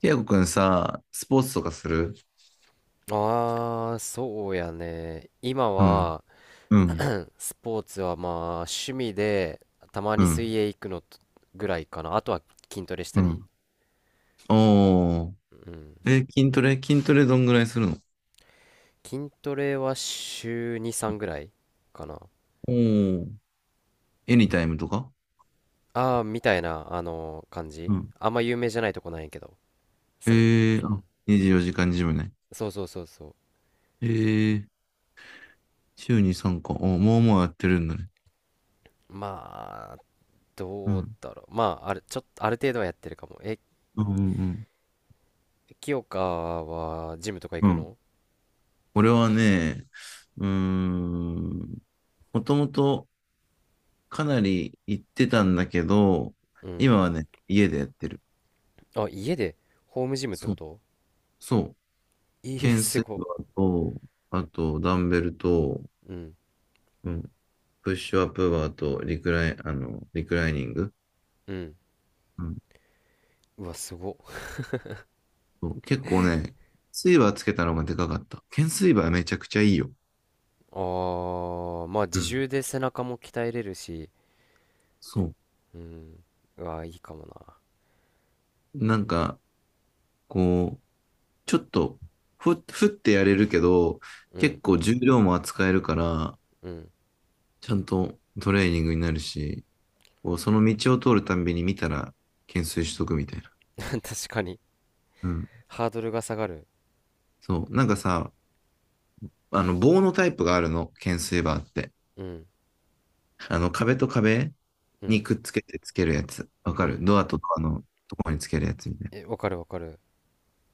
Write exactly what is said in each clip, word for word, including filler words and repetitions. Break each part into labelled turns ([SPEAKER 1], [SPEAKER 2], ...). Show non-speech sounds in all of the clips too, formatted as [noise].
[SPEAKER 1] ティアゴくんさ、スポーツとかする？
[SPEAKER 2] ああ、そうやね。今
[SPEAKER 1] うん、
[SPEAKER 2] は、
[SPEAKER 1] うん、
[SPEAKER 2] スポーツはまあ、趣味で、たま
[SPEAKER 1] う
[SPEAKER 2] に水
[SPEAKER 1] ん、
[SPEAKER 2] 泳行くのとぐらいかな。あとは筋トレした
[SPEAKER 1] う
[SPEAKER 2] り。
[SPEAKER 1] ん。おー。
[SPEAKER 2] うん。
[SPEAKER 1] え、筋トレ筋トレどんぐらいするの？
[SPEAKER 2] 筋トレは週に、さんぐらいかな。
[SPEAKER 1] おー。エニタイムとか？
[SPEAKER 2] ああ、みたいな、あの感
[SPEAKER 1] う
[SPEAKER 2] じ。
[SPEAKER 1] ん。
[SPEAKER 2] あんま有名じゃないとこなんやけど。その、
[SPEAKER 1] え
[SPEAKER 2] う
[SPEAKER 1] ー、
[SPEAKER 2] ん。
[SPEAKER 1] あ、にじゅうよじかんジムね。
[SPEAKER 2] そうそうそうそう。
[SPEAKER 1] えー、週にさんかい。お、もうもうやってるんだね。
[SPEAKER 2] まあ、
[SPEAKER 1] う
[SPEAKER 2] どう
[SPEAKER 1] ん。
[SPEAKER 2] だろう。まあ、ある、ちょっと、ある程度はやってるかも。え、
[SPEAKER 1] うん、うん、うん。
[SPEAKER 2] 清香は、ジムとか行
[SPEAKER 1] う
[SPEAKER 2] く
[SPEAKER 1] ん。
[SPEAKER 2] の？
[SPEAKER 1] 俺はね、うーん、もともとかなり行ってたんだけど、
[SPEAKER 2] うん。
[SPEAKER 1] 今はね、家でやってる。
[SPEAKER 2] あ、家で、ホームジムって
[SPEAKER 1] そ
[SPEAKER 2] こ
[SPEAKER 1] う、
[SPEAKER 2] と？
[SPEAKER 1] そう。
[SPEAKER 2] ええ、
[SPEAKER 1] 懸
[SPEAKER 2] す
[SPEAKER 1] 垂
[SPEAKER 2] ご。
[SPEAKER 1] バーと、あと、ダンベルと、
[SPEAKER 2] うん。
[SPEAKER 1] うん、プッシュアップバーと、リクライ、あの、リクライニング。
[SPEAKER 2] うん。
[SPEAKER 1] うん、
[SPEAKER 2] うわ、すご。
[SPEAKER 1] そう結構ね、スイバーつけたのがでかかった。懸垂バーめちゃくちゃいいよ。
[SPEAKER 2] ああ、まあ
[SPEAKER 1] う
[SPEAKER 2] 自
[SPEAKER 1] ん。
[SPEAKER 2] 重で背中も鍛えれるし、
[SPEAKER 1] そう。
[SPEAKER 2] うん。うわ、いいかもな。
[SPEAKER 1] なんか、こう、ちょっと、ふ、ふってやれるけど、
[SPEAKER 2] うん。
[SPEAKER 1] 結構重量も扱えるから、
[SPEAKER 2] うん。
[SPEAKER 1] ちゃんとトレーニングになるし、こうその道を通るたんびに見たら、懸垂しとくみたいな。
[SPEAKER 2] [laughs] 確かに。
[SPEAKER 1] うん。
[SPEAKER 2] ハードルが下がる。
[SPEAKER 1] そう。なんかさ、あの、棒のタイプがあるの、懸垂バーって。
[SPEAKER 2] うん。
[SPEAKER 1] あの、壁と壁
[SPEAKER 2] う
[SPEAKER 1] に
[SPEAKER 2] ん。
[SPEAKER 1] くっつけてつけるやつ。わか
[SPEAKER 2] う
[SPEAKER 1] る？
[SPEAKER 2] ん。
[SPEAKER 1] ドアとドアのところにつけるやつみたい
[SPEAKER 2] え、わかるわかる。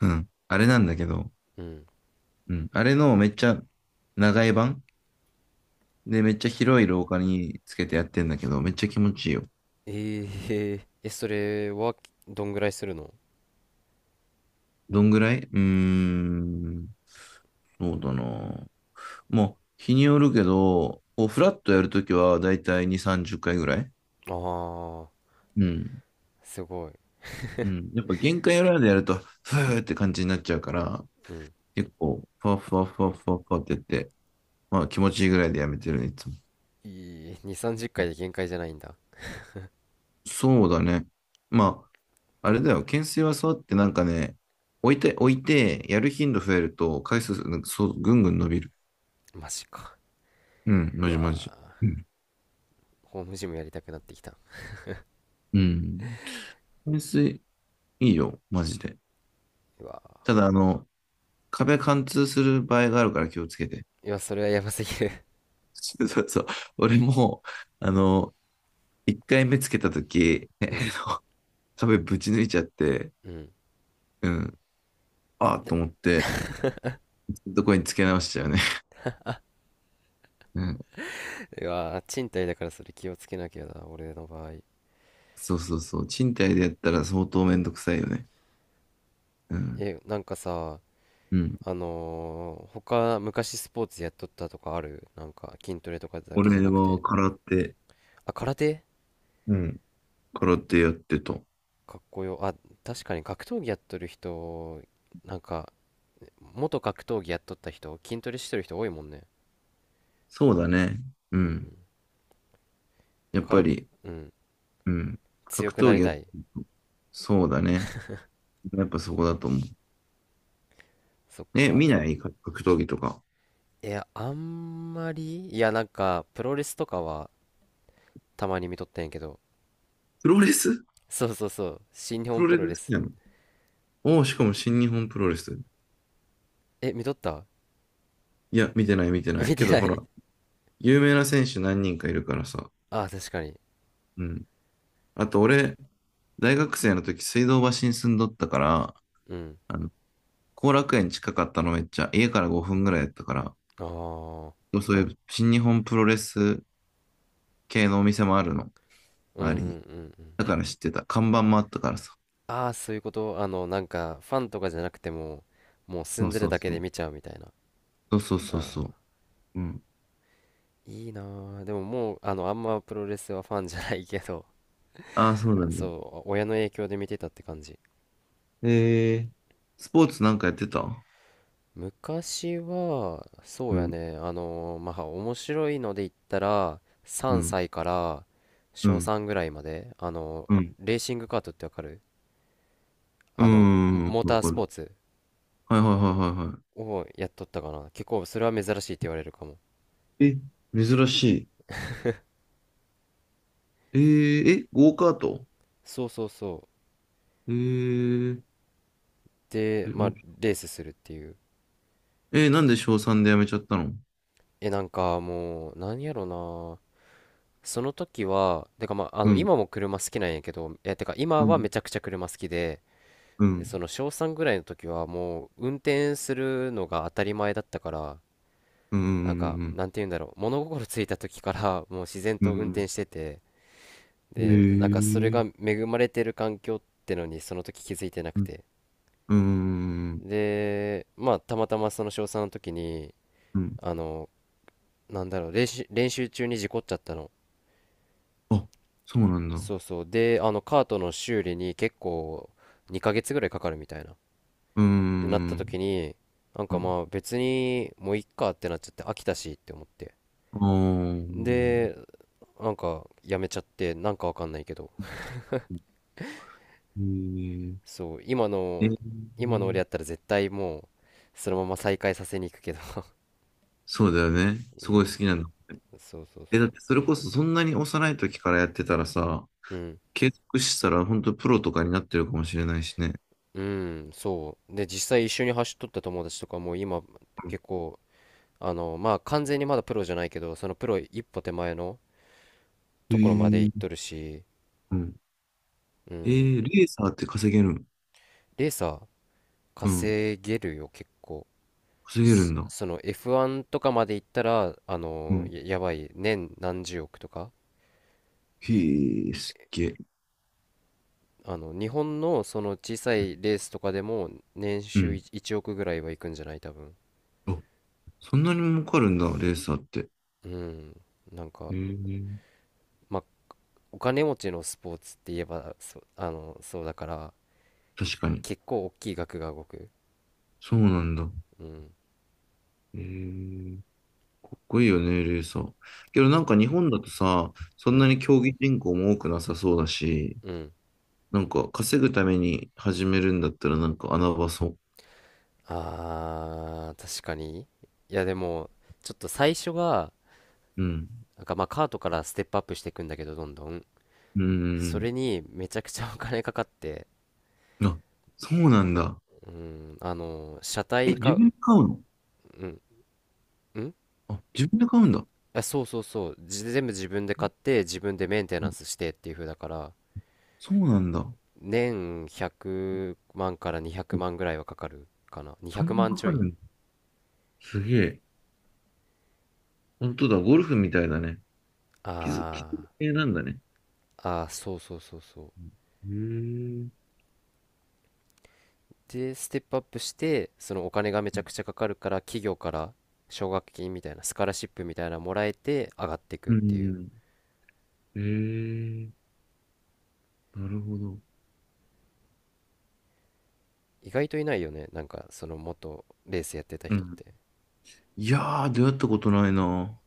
[SPEAKER 1] な。うん。あれなんだけど、
[SPEAKER 2] うん。
[SPEAKER 1] うん。あれのめっちゃ長い版で、めっちゃ広い廊下につけてやってんだけど、めっちゃ気持ちいいよ。
[SPEAKER 2] えええ、それはどんぐらいするの？
[SPEAKER 1] どんぐらい？うーん。そうだな。もう、日によるけど、こうフラットやるときはだいたいに、さんじゅっかいぐらい。
[SPEAKER 2] ああ
[SPEAKER 1] うん。
[SPEAKER 2] ー、すごい。
[SPEAKER 1] うん。やっぱ限界裏でやると、ふーって感じになっちゃうから、
[SPEAKER 2] うん。
[SPEAKER 1] 結構、ふわふわふわふわふわってやって、まあ気持ちいいぐらいでやめてるね、いつも。
[SPEAKER 2] いい、に、さんじゅっかいで限界じゃないんだ。
[SPEAKER 1] そうだね。まあ、あれだよ、懸垂はそうやってなんかね、置いて、置いて、やる頻度増えると、回数、なんかそう、ぐんぐん伸びる。
[SPEAKER 2] マジか。
[SPEAKER 1] うん、
[SPEAKER 2] う
[SPEAKER 1] マジマジ。
[SPEAKER 2] わ
[SPEAKER 1] うん。
[SPEAKER 2] ー、ホームジムやりたくなってきた。
[SPEAKER 1] うん。懸垂、いいよ、マジで。
[SPEAKER 2] うわ
[SPEAKER 1] ただ、あの、壁貫通する場合があるから気をつけて。
[SPEAKER 2] ー、いや、それはやばすぎる。
[SPEAKER 1] [laughs] そうそうそう。俺も、あの、一回目つけたとき、
[SPEAKER 2] [laughs] うん。
[SPEAKER 1] [laughs] 壁ぶち抜いちゃって、
[SPEAKER 2] うん。
[SPEAKER 1] うん、ああと思って、どこにつけ直しちゃうね。[laughs] うん。
[SPEAKER 2] うわー、賃貸だからそれ気をつけなきゃだ、俺の場合。
[SPEAKER 1] そうそうそう。賃貸でやったら相当めんどくさいよね。うん。
[SPEAKER 2] え、なんかさ、
[SPEAKER 1] うん。
[SPEAKER 2] あのー、他、昔スポーツやっとったとかある？なんか、筋トレとかだけじゃ
[SPEAKER 1] 俺
[SPEAKER 2] なく
[SPEAKER 1] は
[SPEAKER 2] て。
[SPEAKER 1] 空手、
[SPEAKER 2] あ、空手、
[SPEAKER 1] うん。空手やってた。
[SPEAKER 2] かっこよ。あ、確かに格闘技やっとる人、なんか、元格闘技やっとった人、筋トレしてる人多いもんね。
[SPEAKER 1] そうだね。う
[SPEAKER 2] うん。
[SPEAKER 1] ん。やっ
[SPEAKER 2] か
[SPEAKER 1] ぱ
[SPEAKER 2] ら、
[SPEAKER 1] り、
[SPEAKER 2] うん。
[SPEAKER 1] うん。
[SPEAKER 2] 強
[SPEAKER 1] 格
[SPEAKER 2] くな
[SPEAKER 1] 闘
[SPEAKER 2] り
[SPEAKER 1] 技やっ
[SPEAKER 2] た
[SPEAKER 1] て
[SPEAKER 2] い。
[SPEAKER 1] ると。そうだね。やっぱそこだと思う。
[SPEAKER 2] そっ
[SPEAKER 1] え、見
[SPEAKER 2] か。
[SPEAKER 1] ない格格闘技とか。
[SPEAKER 2] いや、あんまり、いや、なんか、プロレスとかはたまに見とったんやけど、
[SPEAKER 1] プロレス？
[SPEAKER 2] そうそうそう、新日
[SPEAKER 1] プ
[SPEAKER 2] 本
[SPEAKER 1] ロ
[SPEAKER 2] プ
[SPEAKER 1] レ
[SPEAKER 2] ロレ
[SPEAKER 1] ス好
[SPEAKER 2] ス。
[SPEAKER 1] きなの？おおー、しかも新日本プロレス。
[SPEAKER 2] え、見とった？
[SPEAKER 1] いや、見てない見て
[SPEAKER 2] [laughs]
[SPEAKER 1] ない。
[SPEAKER 2] 見
[SPEAKER 1] け
[SPEAKER 2] て
[SPEAKER 1] ど
[SPEAKER 2] な
[SPEAKER 1] ほら、
[SPEAKER 2] い？
[SPEAKER 1] 有名な選手何人かいるからさ。
[SPEAKER 2] [laughs] ああ、確かに。
[SPEAKER 1] うん。あと俺、大学生の時、水道橋に住んどったから、
[SPEAKER 2] うん。
[SPEAKER 1] あの、後楽園近かったのめっちゃ、家からごふんぐらいやったから、
[SPEAKER 2] ああ、
[SPEAKER 1] そういう新日本プロレス系のお店もあるの、
[SPEAKER 2] うんうん
[SPEAKER 1] 周
[SPEAKER 2] う
[SPEAKER 1] り
[SPEAKER 2] ん
[SPEAKER 1] に。
[SPEAKER 2] うん。
[SPEAKER 1] だから知ってた。看板もあったからさ。
[SPEAKER 2] ああ、そういうこと。あの、なんか、ファンとかじゃなくても、もう住
[SPEAKER 1] そ
[SPEAKER 2] ん
[SPEAKER 1] う
[SPEAKER 2] でる
[SPEAKER 1] そう
[SPEAKER 2] だけ
[SPEAKER 1] そ
[SPEAKER 2] で
[SPEAKER 1] う。
[SPEAKER 2] 見ちゃうみたいな。
[SPEAKER 1] そうそうそうそ
[SPEAKER 2] ああ、
[SPEAKER 1] う。うん。
[SPEAKER 2] いいなー。でももう、あの、あんまプロレスはファンじゃないけど、
[SPEAKER 1] ああ、そう
[SPEAKER 2] [laughs]
[SPEAKER 1] なんだ。
[SPEAKER 2] そう、親の影響で見てたって感じ。
[SPEAKER 1] えー、スポーツなんかやってた？
[SPEAKER 2] 昔は、そ
[SPEAKER 1] う
[SPEAKER 2] うや
[SPEAKER 1] ん、
[SPEAKER 2] ね、あのーまあ、面白いので言ったら、
[SPEAKER 1] う
[SPEAKER 2] 3
[SPEAKER 1] ん、
[SPEAKER 2] 歳から
[SPEAKER 1] う
[SPEAKER 2] 小
[SPEAKER 1] ん、
[SPEAKER 2] さんぐらいまで、あの
[SPEAKER 1] う
[SPEAKER 2] ー
[SPEAKER 1] ん、
[SPEAKER 2] レーシングカートってわかる？
[SPEAKER 1] う
[SPEAKER 2] あの、
[SPEAKER 1] ん、うん。
[SPEAKER 2] モータ
[SPEAKER 1] わ
[SPEAKER 2] ー
[SPEAKER 1] か
[SPEAKER 2] スポ
[SPEAKER 1] る。
[SPEAKER 2] ーツ
[SPEAKER 1] はいはいはいはいは
[SPEAKER 2] をやっとったかな。結構それは珍しいって言われるかも。
[SPEAKER 1] い。え、珍しい。えー、え、ゴーカート？
[SPEAKER 2] そうそうそ
[SPEAKER 1] えー、
[SPEAKER 2] う。で、まあ、
[SPEAKER 1] え
[SPEAKER 2] レースするっていう。
[SPEAKER 1] えーなんで小さんで辞めちゃったの？
[SPEAKER 2] え、なんかもう、なんやろな。その時は、てかまあ、あ
[SPEAKER 1] う
[SPEAKER 2] の、
[SPEAKER 1] ん、
[SPEAKER 2] 今も車好きなんやけど、え、てか今
[SPEAKER 1] う
[SPEAKER 2] は
[SPEAKER 1] ん、
[SPEAKER 2] めちゃくちゃ車好きで、
[SPEAKER 1] う
[SPEAKER 2] で、そ
[SPEAKER 1] ん、
[SPEAKER 2] の小さんぐらいの時はもう、運転するのが当たり前だったから、
[SPEAKER 1] うん、
[SPEAKER 2] なんか、
[SPEAKER 1] うん、
[SPEAKER 2] なんて言うんだろう。物心ついた時からもう自然
[SPEAKER 1] う
[SPEAKER 2] と運
[SPEAKER 1] ん。
[SPEAKER 2] 転してて、
[SPEAKER 1] へ
[SPEAKER 2] で、なんかそれ
[SPEAKER 1] え、
[SPEAKER 2] が恵まれてる環境ってのにその時気づいてな
[SPEAKER 1] う
[SPEAKER 2] く
[SPEAKER 1] ん、
[SPEAKER 2] て。
[SPEAKER 1] うん、
[SPEAKER 2] で、まあ、たまたまその小さんの時に、
[SPEAKER 1] うん。
[SPEAKER 2] あの、なんだろう、練習、練習中に事故っちゃったの。
[SPEAKER 1] あ、そうなんだ。
[SPEAKER 2] そうそう。で、あの、カートの修理に結構にかげつぐらいかかるみたいな。っ
[SPEAKER 1] う
[SPEAKER 2] てなった
[SPEAKER 1] ん、
[SPEAKER 2] 時に、なん
[SPEAKER 1] う
[SPEAKER 2] かま
[SPEAKER 1] ん。
[SPEAKER 2] あ別にもういっかってなっちゃって飽きたしって思って。
[SPEAKER 1] ああ、
[SPEAKER 2] で、なんかやめちゃって、なんかわかんないけど。
[SPEAKER 1] へ
[SPEAKER 2] そう、今
[SPEAKER 1] え、え
[SPEAKER 2] の、今の俺
[SPEAKER 1] ー。
[SPEAKER 2] やったら絶対もう、そのまま再開させに行くけど。
[SPEAKER 1] そうだよね。
[SPEAKER 2] [laughs] う
[SPEAKER 1] すごい好
[SPEAKER 2] ん。
[SPEAKER 1] きなんだ。
[SPEAKER 2] そうそう
[SPEAKER 1] え、
[SPEAKER 2] そ
[SPEAKER 1] だっ
[SPEAKER 2] う。
[SPEAKER 1] てそれこそそんなに幼い時からやってたらさ、
[SPEAKER 2] うん。
[SPEAKER 1] 継続したら本当プロとかになってるかもしれないしね。
[SPEAKER 2] うん、そう。で、実際一緒に走っとった友達とかも今
[SPEAKER 1] うん。
[SPEAKER 2] 結構、あの、まあ完全にまだプロじゃないけど、そのプロ一歩手前の
[SPEAKER 1] へえ
[SPEAKER 2] ところまで行
[SPEAKER 1] ー、
[SPEAKER 2] っとるし、
[SPEAKER 1] うん。
[SPEAKER 2] う
[SPEAKER 1] え
[SPEAKER 2] ん、
[SPEAKER 1] ーレーサーって稼げる？
[SPEAKER 2] レーサー
[SPEAKER 1] うん。
[SPEAKER 2] 稼げるよ、結構。
[SPEAKER 1] 稼げるん
[SPEAKER 2] す
[SPEAKER 1] だ。
[SPEAKER 2] その エフワン とかまで行ったら、あ
[SPEAKER 1] う
[SPEAKER 2] の、
[SPEAKER 1] ん。
[SPEAKER 2] や、やばい、年何十億とか。
[SPEAKER 1] へえ、すっげえ。
[SPEAKER 2] あの、日本のその小さいレースとかでも年
[SPEAKER 1] う
[SPEAKER 2] 収
[SPEAKER 1] ん。
[SPEAKER 2] いちおくぐらいは行くんじゃない、多分。
[SPEAKER 1] あ、そんなに儲かるんだ、レーサーって。
[SPEAKER 2] うん。なんか、
[SPEAKER 1] へえ。
[SPEAKER 2] まあお金持ちのスポーツって言えばそあのそうだから、
[SPEAKER 1] 確かに。
[SPEAKER 2] 結構大きい額が動く。
[SPEAKER 1] そうなんだ。
[SPEAKER 2] うん、
[SPEAKER 1] へえ。かっこいいよね、レーサー。けどなんか
[SPEAKER 2] か、
[SPEAKER 1] 日本だとさ、そ
[SPEAKER 2] う
[SPEAKER 1] ん
[SPEAKER 2] ん、
[SPEAKER 1] なに競技人口も多くなさそうだし、
[SPEAKER 2] うん、
[SPEAKER 1] なんか稼ぐために始めるんだったらなんか穴場そう。
[SPEAKER 2] あー、確かに。いやでもちょっと最初が、
[SPEAKER 1] うん。
[SPEAKER 2] なんかまあカートからステップアップしていくんだけど、どんどん
[SPEAKER 1] う
[SPEAKER 2] そ
[SPEAKER 1] ん。
[SPEAKER 2] れにめちゃくちゃお金かかって、
[SPEAKER 1] あ、そうなんだ。
[SPEAKER 2] うん、あの車
[SPEAKER 1] え、
[SPEAKER 2] 体買
[SPEAKER 1] 自
[SPEAKER 2] う。
[SPEAKER 1] 分で買うの？
[SPEAKER 2] うん、うん、
[SPEAKER 1] あ、自分で買うんだ。
[SPEAKER 2] あ、そうそうそう、じ全部自分で買って自分でメンテ
[SPEAKER 1] う
[SPEAKER 2] ナン
[SPEAKER 1] ん。
[SPEAKER 2] スしてっていう風だから、
[SPEAKER 1] そうなんだ。
[SPEAKER 2] 年ひゃくまんからにひゃくまんぐらいはかかるかな、200
[SPEAKER 1] そんな
[SPEAKER 2] 万
[SPEAKER 1] か
[SPEAKER 2] ちょ
[SPEAKER 1] か
[SPEAKER 2] い。
[SPEAKER 1] るんだ。すげえ。本当だ、ゴルフみたいだね。傷、傷
[SPEAKER 2] あ
[SPEAKER 1] 系なんだね。
[SPEAKER 2] ー、あー、そうそうそうそう。
[SPEAKER 1] へえ、
[SPEAKER 2] でステップアップしてそのお金がめちゃくちゃかかるから、企業から奨学金みたいな、スカラシップみたいなのもらえて上がっていくっ
[SPEAKER 1] う
[SPEAKER 2] ていう。
[SPEAKER 1] ん。へえ、なるほど。
[SPEAKER 2] 意外といないよね、なんかその元レースやってた
[SPEAKER 1] う
[SPEAKER 2] 人っ
[SPEAKER 1] ん。
[SPEAKER 2] て。
[SPEAKER 1] いやー、出会ったことないな。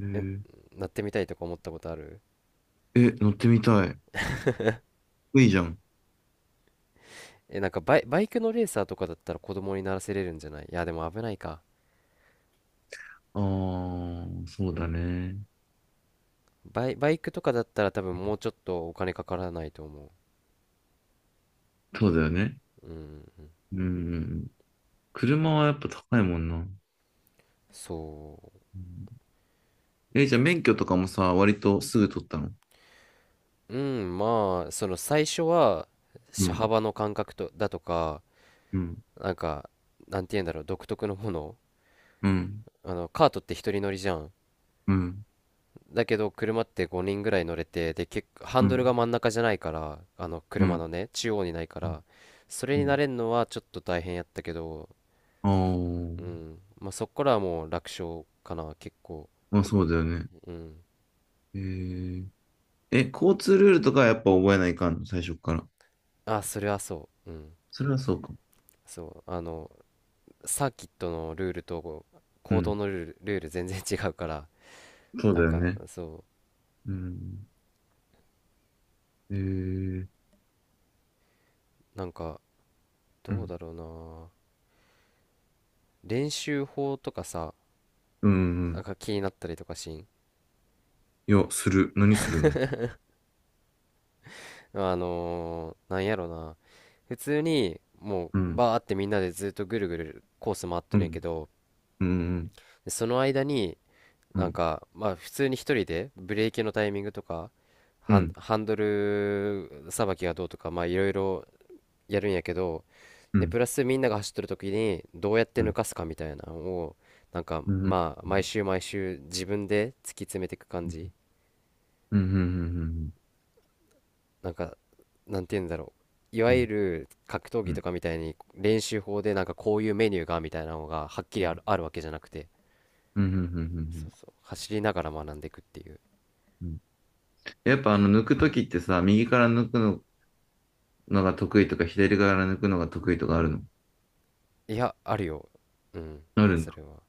[SPEAKER 1] へ
[SPEAKER 2] え、
[SPEAKER 1] え、
[SPEAKER 2] なってみたいとか思ったことある？
[SPEAKER 1] え、乗ってみたい。いいじゃん。
[SPEAKER 2] え、なんかバイ、バイクのレーサーとかだったら子供にならせれるんじゃない？いやでも危ないか。
[SPEAKER 1] ああ、そうだね。
[SPEAKER 2] バイ、バイクとかだったら多分もうちょっとお金かからないと思
[SPEAKER 1] そうだよね。
[SPEAKER 2] う。うん。
[SPEAKER 1] うん。車はやっぱ高いもんな。う
[SPEAKER 2] そ
[SPEAKER 1] ん、え、じゃあ免許とかもさ、割とすぐ取ったの？
[SPEAKER 2] う。うん、まあ、その最初は、
[SPEAKER 1] う
[SPEAKER 2] 車
[SPEAKER 1] ん、
[SPEAKER 2] 幅の感覚と、だとか、
[SPEAKER 1] うん、
[SPEAKER 2] なんか、なんて言うんだろう、独特のもの。
[SPEAKER 1] うん、
[SPEAKER 2] あの、カートって一人乗りじゃん。
[SPEAKER 1] うん、
[SPEAKER 2] だけど、車ってごにんぐらい乗れて、で、結構、ハ
[SPEAKER 1] う
[SPEAKER 2] ンドルが
[SPEAKER 1] ん、
[SPEAKER 2] 真ん中じゃないから、あの、
[SPEAKER 1] うん。
[SPEAKER 2] 車
[SPEAKER 1] う
[SPEAKER 2] のね、中央にないか
[SPEAKER 1] ん、
[SPEAKER 2] ら、それ
[SPEAKER 1] う
[SPEAKER 2] に慣
[SPEAKER 1] ん。
[SPEAKER 2] れるのはちょっと大変やったけど、
[SPEAKER 1] ああー、
[SPEAKER 2] うん。まあ、そこからはもう楽勝かな、結構。
[SPEAKER 1] まあそうだよね。
[SPEAKER 2] うん。
[SPEAKER 1] へえ。え、交通ルールとかはやっぱ覚えないかんの、最初から。
[SPEAKER 2] あ、それはそう。うん。
[SPEAKER 1] それはそうか。
[SPEAKER 2] そうあのサーキットのルールと
[SPEAKER 1] う
[SPEAKER 2] 行動
[SPEAKER 1] ん。
[SPEAKER 2] のルール、ルール全然違うから、
[SPEAKER 1] そう
[SPEAKER 2] な
[SPEAKER 1] だ
[SPEAKER 2] ん
[SPEAKER 1] よ
[SPEAKER 2] か
[SPEAKER 1] ね。
[SPEAKER 2] そ
[SPEAKER 1] うん。えー、
[SPEAKER 2] う、なんか
[SPEAKER 1] う
[SPEAKER 2] どう
[SPEAKER 1] ん。
[SPEAKER 2] だろうな、練習法とかさ、
[SPEAKER 1] うん。う
[SPEAKER 2] なん
[SPEAKER 1] ん。
[SPEAKER 2] か気になったりとかしん？
[SPEAKER 1] いや、する。何するの？
[SPEAKER 2] あのーなんやろな、普通にも
[SPEAKER 1] う
[SPEAKER 2] う
[SPEAKER 1] ん。
[SPEAKER 2] バーってみんなでずっとぐるぐるコース回って
[SPEAKER 1] う
[SPEAKER 2] るんや
[SPEAKER 1] ん。
[SPEAKER 2] けど、
[SPEAKER 1] うん。
[SPEAKER 2] その間に
[SPEAKER 1] う
[SPEAKER 2] なん
[SPEAKER 1] ん。
[SPEAKER 2] かまあ普通に一人でブレーキのタイミングとか
[SPEAKER 1] う
[SPEAKER 2] ハン、
[SPEAKER 1] ん。
[SPEAKER 2] ハンドルさばきがどうとか、まあいろいろやるんやけど、
[SPEAKER 1] う
[SPEAKER 2] で
[SPEAKER 1] ん。
[SPEAKER 2] プラスみんなが走ってる時にどうやって
[SPEAKER 1] う
[SPEAKER 2] 抜
[SPEAKER 1] ん。
[SPEAKER 2] かすかみたいなのをなんか
[SPEAKER 1] うん。うん。うん。
[SPEAKER 2] まあ毎週毎週自分で突き詰めていく感じ。
[SPEAKER 1] うん。うん。うん。
[SPEAKER 2] なんか、なんて言うんだろう、いわ
[SPEAKER 1] うん。う
[SPEAKER 2] ゆ
[SPEAKER 1] ん。
[SPEAKER 2] る格闘技
[SPEAKER 1] う
[SPEAKER 2] と
[SPEAKER 1] ん。
[SPEAKER 2] かみたいに練習法でなんかこういうメニューがみたいなのがはっきりある、あるわけじゃなくて、
[SPEAKER 1] う
[SPEAKER 2] そ
[SPEAKER 1] ん。
[SPEAKER 2] うそう走りながら学んでいくっていう。
[SPEAKER 1] うん。やっぱあの、抜くときってさ、右から抜くの、が得意とか、左から抜くのが得意とかあるの？
[SPEAKER 2] いやあるよ。うん、
[SPEAKER 1] あるん
[SPEAKER 2] それは